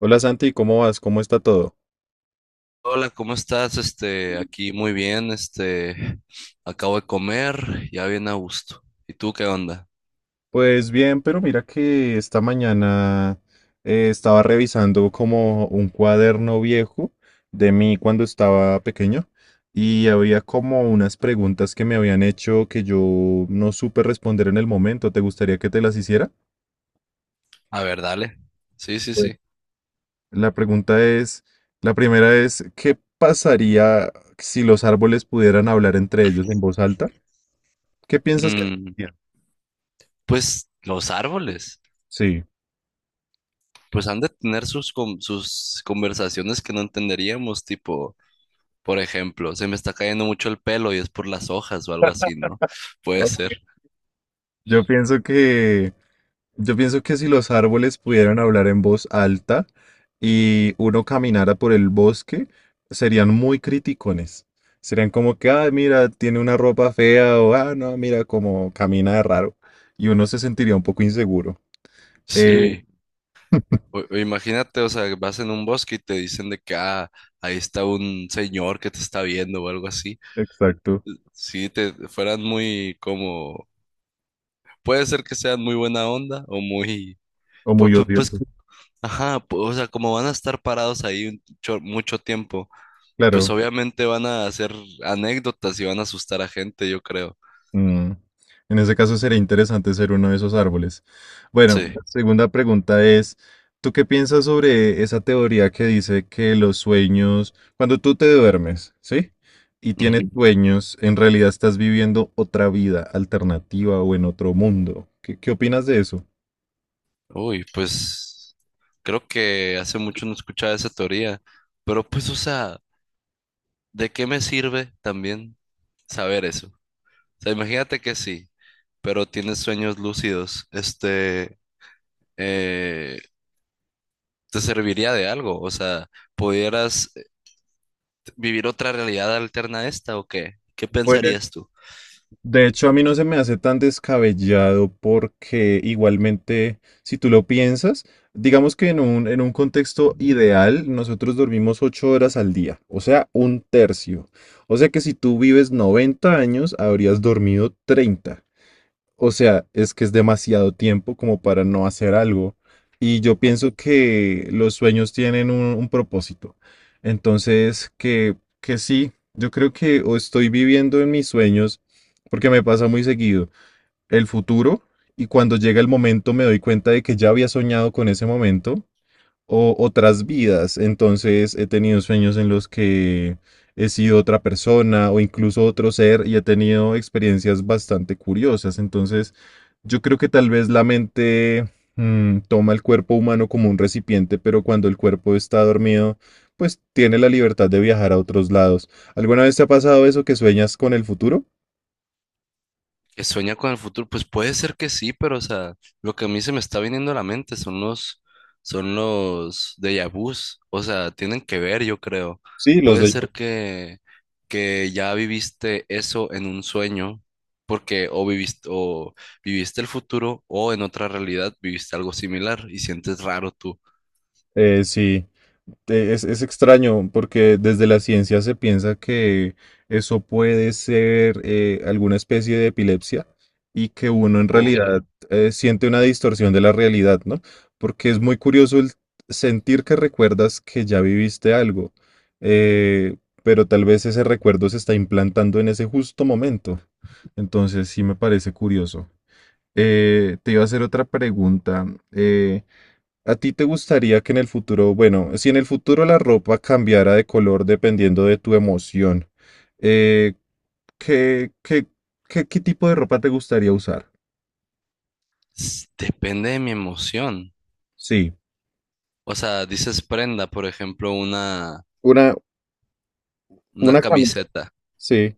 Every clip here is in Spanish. Hola Santi, ¿cómo vas? ¿Cómo está todo? Hola, ¿cómo estás? Aquí muy bien, acabo de comer, ya bien a gusto. ¿Y tú qué onda? Pues bien, pero mira que esta mañana estaba revisando como un cuaderno viejo de mí cuando estaba pequeño y había como unas preguntas que me habían hecho que yo no supe responder en el momento. ¿Te gustaría que te las hiciera? A ver, dale. Sí, sí, Bueno. sí. La pregunta es, la primera es, ¿qué pasaría si los árboles pudieran hablar entre ellos en voz alta? ¿Qué piensas que Mm, pasaría? pues los árboles, Sí. pues han de tener sus conversaciones que no entenderíamos, tipo, por ejemplo, se me está cayendo mucho el pelo y es por las hojas o algo así, ¿no? Puede Ah. ser. Yo pienso que... Yo pienso que si los árboles pudieran hablar en voz alta y uno caminara por el bosque, serían muy criticones. Serían como que, ah, mira, tiene una ropa fea o, ah, no, mira, como camina de raro. Y uno se sentiría un poco inseguro. Sí. Sí, O imagínate, o sea, vas en un bosque y te dicen de que, ah, ahí está un señor que te está viendo o algo así. exacto. Si te fueran muy como, puede ser que sean muy buena onda o muy, O pues, muy pues, pues, odioso. ajá, o sea, como van a estar parados ahí mucho tiempo, pues Claro. obviamente van a hacer anécdotas y van a asustar a gente, yo creo. Mm, en ese caso sería interesante ser uno de esos árboles. Bueno, Sí. la segunda pregunta es, ¿tú qué piensas sobre esa teoría que dice que los sueños, cuando tú te duermes, sí, y Ujú. tienes sí, sueños, en realidad estás viviendo otra vida alternativa o en otro mundo? ¿Qué, qué opinas de eso? Uy, pues creo que hace mucho no escuchaba esa teoría, pero pues, o sea, ¿de qué me sirve también saber eso? O sea, imagínate que sí, pero tienes sueños lúcidos, eh, ¿te serviría de algo? O sea, ¿pudieras vivir otra realidad alterna a esta o qué? ¿Qué pensarías tú? De hecho, a mí no se me hace tan descabellado porque igualmente, si tú lo piensas, digamos que en un contexto ideal, nosotros dormimos 8 horas al día, o sea, un tercio. O sea que si tú vives 90 años, habrías dormido 30, o sea, es que es demasiado tiempo como para no hacer algo. Y yo Ajá. pienso que los sueños tienen un propósito. Entonces, que sí, yo creo que o estoy viviendo en mis sueños, porque me pasa muy seguido, el futuro, y cuando llega el momento me doy cuenta de que ya había soñado con ese momento o otras vidas. Entonces he tenido sueños en los que he sido otra persona o incluso otro ser y he tenido experiencias bastante curiosas. Entonces yo creo que tal vez la mente toma el cuerpo humano como un recipiente, pero cuando el cuerpo está dormido, pues tiene la libertad de viajar a otros lados. ¿Alguna vez te ha pasado eso que sueñas con el futuro? ¿Que sueña con el futuro? Pues puede ser que sí, pero o sea, lo que a mí se me está viniendo a la mente son los déjà vus. O sea, tienen que ver, yo creo. Sí, los Puede de... ser que, que ya viviste eso en un sueño, porque o viviste el futuro o en otra realidad viviste algo similar y sientes raro tú. Sí. Es extraño porque desde la ciencia se piensa que eso puede ser alguna especie de epilepsia y que uno en Oh. realidad siente una distorsión de la realidad, ¿no? Porque es muy curioso el sentir que recuerdas que ya viviste algo, eh, pero tal vez ese recuerdo se está implantando en ese justo momento. Entonces sí me parece curioso. Te iba a hacer otra pregunta. eh, ¿A ti te gustaría que en el futuro, bueno, si en el futuro la ropa cambiara de color dependiendo de tu emoción, eh, qué, qué, qué, qué tipo de ropa te gustaría usar? Depende de mi emoción. Sí, O sea, dices prenda, por ejemplo, una, una una camisa. camiseta. Sí.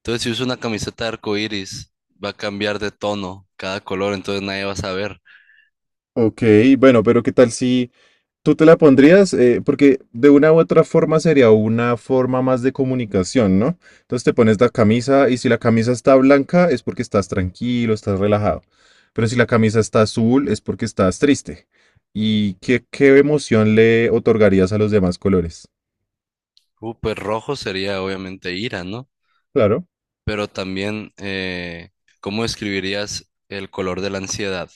Entonces, si uso una camiseta de arco iris, va a cambiar de tono cada color, entonces nadie va a saber. Ok, bueno, pero ¿qué tal si... ¿Tú te la pondrías? Porque de una u otra forma sería una forma más de comunicación, ¿no? Entonces te pones la camisa y si la camisa está blanca es porque estás tranquilo, estás relajado. Pero si la camisa está azul es porque estás triste. ¿Y qué, qué emoción le otorgarías a los demás colores? Pues rojo sería obviamente ira, ¿no? Claro. Pero también, ¿cómo describirías el color de la ansiedad?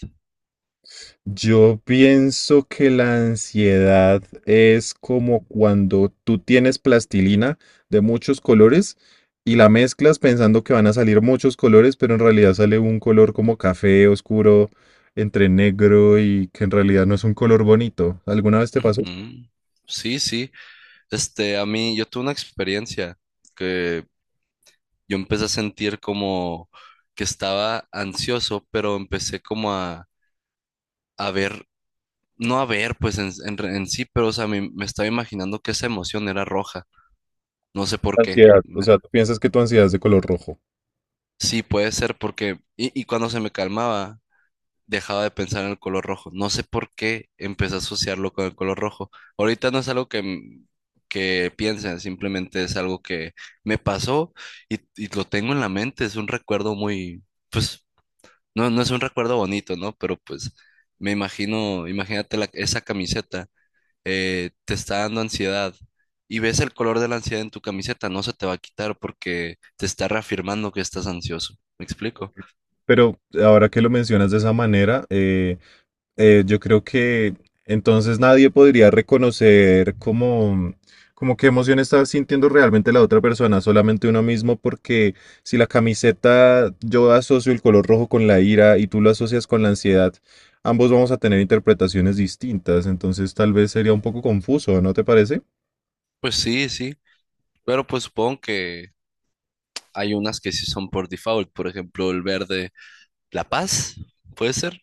Yo pienso que la ansiedad es como cuando tú tienes plastilina de muchos colores y la mezclas pensando que van a salir muchos colores, pero en realidad sale un color como café oscuro, entre negro, y que en realidad no es un color bonito. ¿Alguna vez te pasó? Ujú. Sí, sí. A mí, yo tuve una experiencia que yo empecé a sentir como que estaba ansioso, pero empecé como a ver, no a ver, pues en sí, pero o sea, me estaba imaginando que esa emoción era roja. No sé por qué. Ansiedad. O sea, tú piensas que tu ansiedad es de color rojo. Sí, puede ser porque, y cuando se me calmaba, dejaba de pensar en el color rojo. No sé por qué empecé a asociarlo con el color rojo. Ahorita no es algo que piensen, simplemente es algo que me pasó y lo tengo en la mente. Es un recuerdo muy, pues, no es un recuerdo bonito, ¿no? Pero pues me imagino, imagínate esa camiseta. Eh, te está dando ansiedad y ves el color de la ansiedad en tu camiseta, no se te va a quitar porque te está reafirmando que estás ansioso. ¿Me explico? Pero ahora que lo mencionas de esa manera, yo creo que entonces nadie podría reconocer como, como qué emoción está sintiendo realmente la otra persona, solamente uno mismo, porque si la camiseta yo asocio el color rojo con la ira y tú lo asocias con la ansiedad, ambos vamos a tener interpretaciones distintas, entonces tal vez sería un poco confuso, ¿no te parece? Pues sí, sí, pero pues supongo que hay unas que sí son por default, por ejemplo, el verde, la paz, ¿puede ser?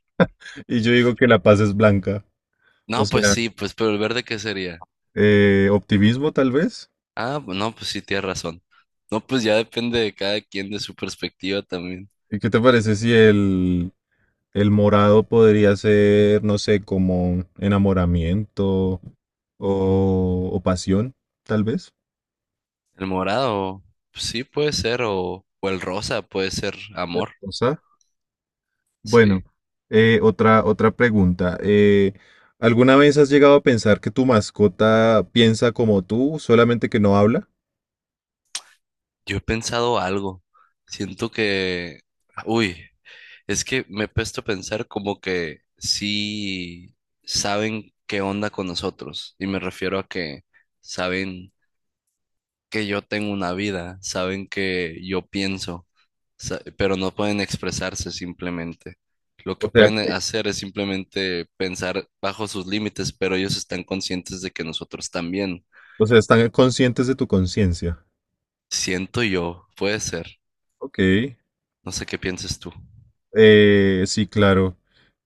Y yo digo que la paz es blanca, o No, pues sea, sí, pues pero el verde ¿qué sería? Optimismo tal vez. Ah, no, pues sí, tienes razón. No, pues ya depende de cada quien de su perspectiva también. ¿Y qué te parece si el... El morado podría ser, no sé, como enamoramiento o pasión, tal vez. El morado, pues sí puede ser, o el rosa puede ser amor, O sea, bueno, sí. Otra, otra pregunta. ¿Alguna vez has llegado a pensar que tu mascota piensa como tú, solamente que no habla? Yo he pensado algo. Siento que, uy, es que me he puesto a pensar como que sí saben qué onda con nosotros. Y me refiero a que saben que yo tengo una vida, saben que yo pienso, pero no pueden expresarse simplemente. Lo O que sea, pueden que... hacer es simplemente pensar bajo sus límites, pero ellos están conscientes de que nosotros también. o sea, están conscientes de tu conciencia. Siento yo, puede ser. Ok, No sé qué pienses tú. Sí, claro.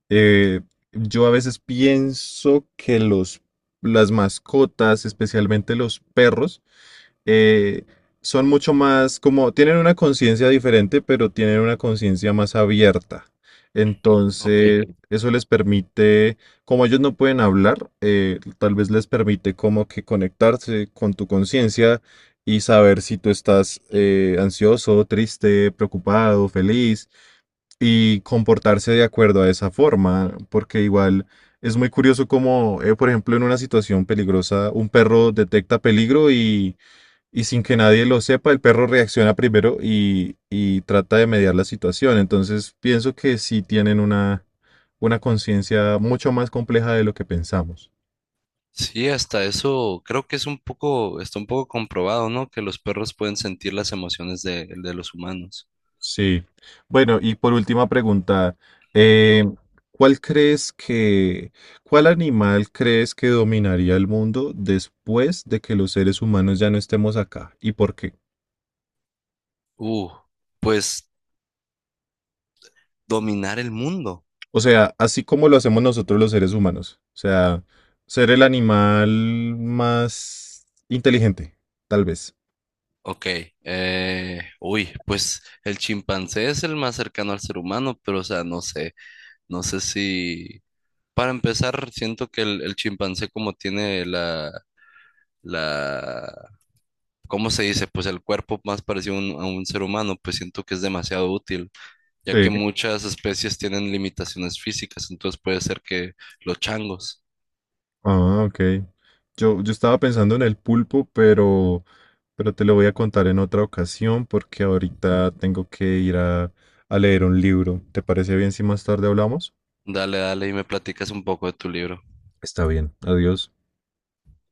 Eh, yo a veces pienso que los, las mascotas, especialmente los perros, eh, son mucho más como, tienen una conciencia diferente, pero tienen una conciencia más abierta. Ok. Entonces, sí, eso les permite, como ellos no pueden hablar, tal vez les permite como que conectarse con tu conciencia y saber si tú estás ansioso, triste, preocupado, feliz, y comportarse de acuerdo a esa forma, porque igual... Es muy curioso como, por ejemplo, en una situación peligrosa, un perro detecta peligro y sin que nadie lo sepa, el perro reacciona primero y trata de mediar la situación. Entonces, pienso que sí tienen una conciencia mucho más compleja de lo que pensamos. Sí, hasta eso creo que es un poco, está un poco comprobado, ¿no? Que los perros pueden sentir las emociones de los humanos. Sí. Bueno, y por última pregunta, eh, ¿cuál crees que, cuál animal crees que dominaría el mundo después de que los seres humanos ya no estemos acá? ¿Y por qué? Uh, pues dominar el mundo. O sea, así como lo hacemos nosotros los seres humanos. O sea, ser el animal más inteligente, tal vez. Ok, uy, pues el chimpancé es el más cercano al ser humano, pero o sea, no sé, no sé si... Para empezar, siento que el chimpancé como tiene la, ¿cómo se dice? Pues el cuerpo más parecido a un ser humano, pues siento que es demasiado útil. Ya Sí. que muchas especies tienen limitaciones físicas, entonces puede ser que los changos. Ah, ok. Yo estaba pensando en el pulpo, pero te lo voy a contar en otra ocasión porque ahorita tengo que ir a leer un libro. ¿Te parece bien si más tarde hablamos? Dale, dale y me platicas un poco de tu libro. Está bien. Adiós.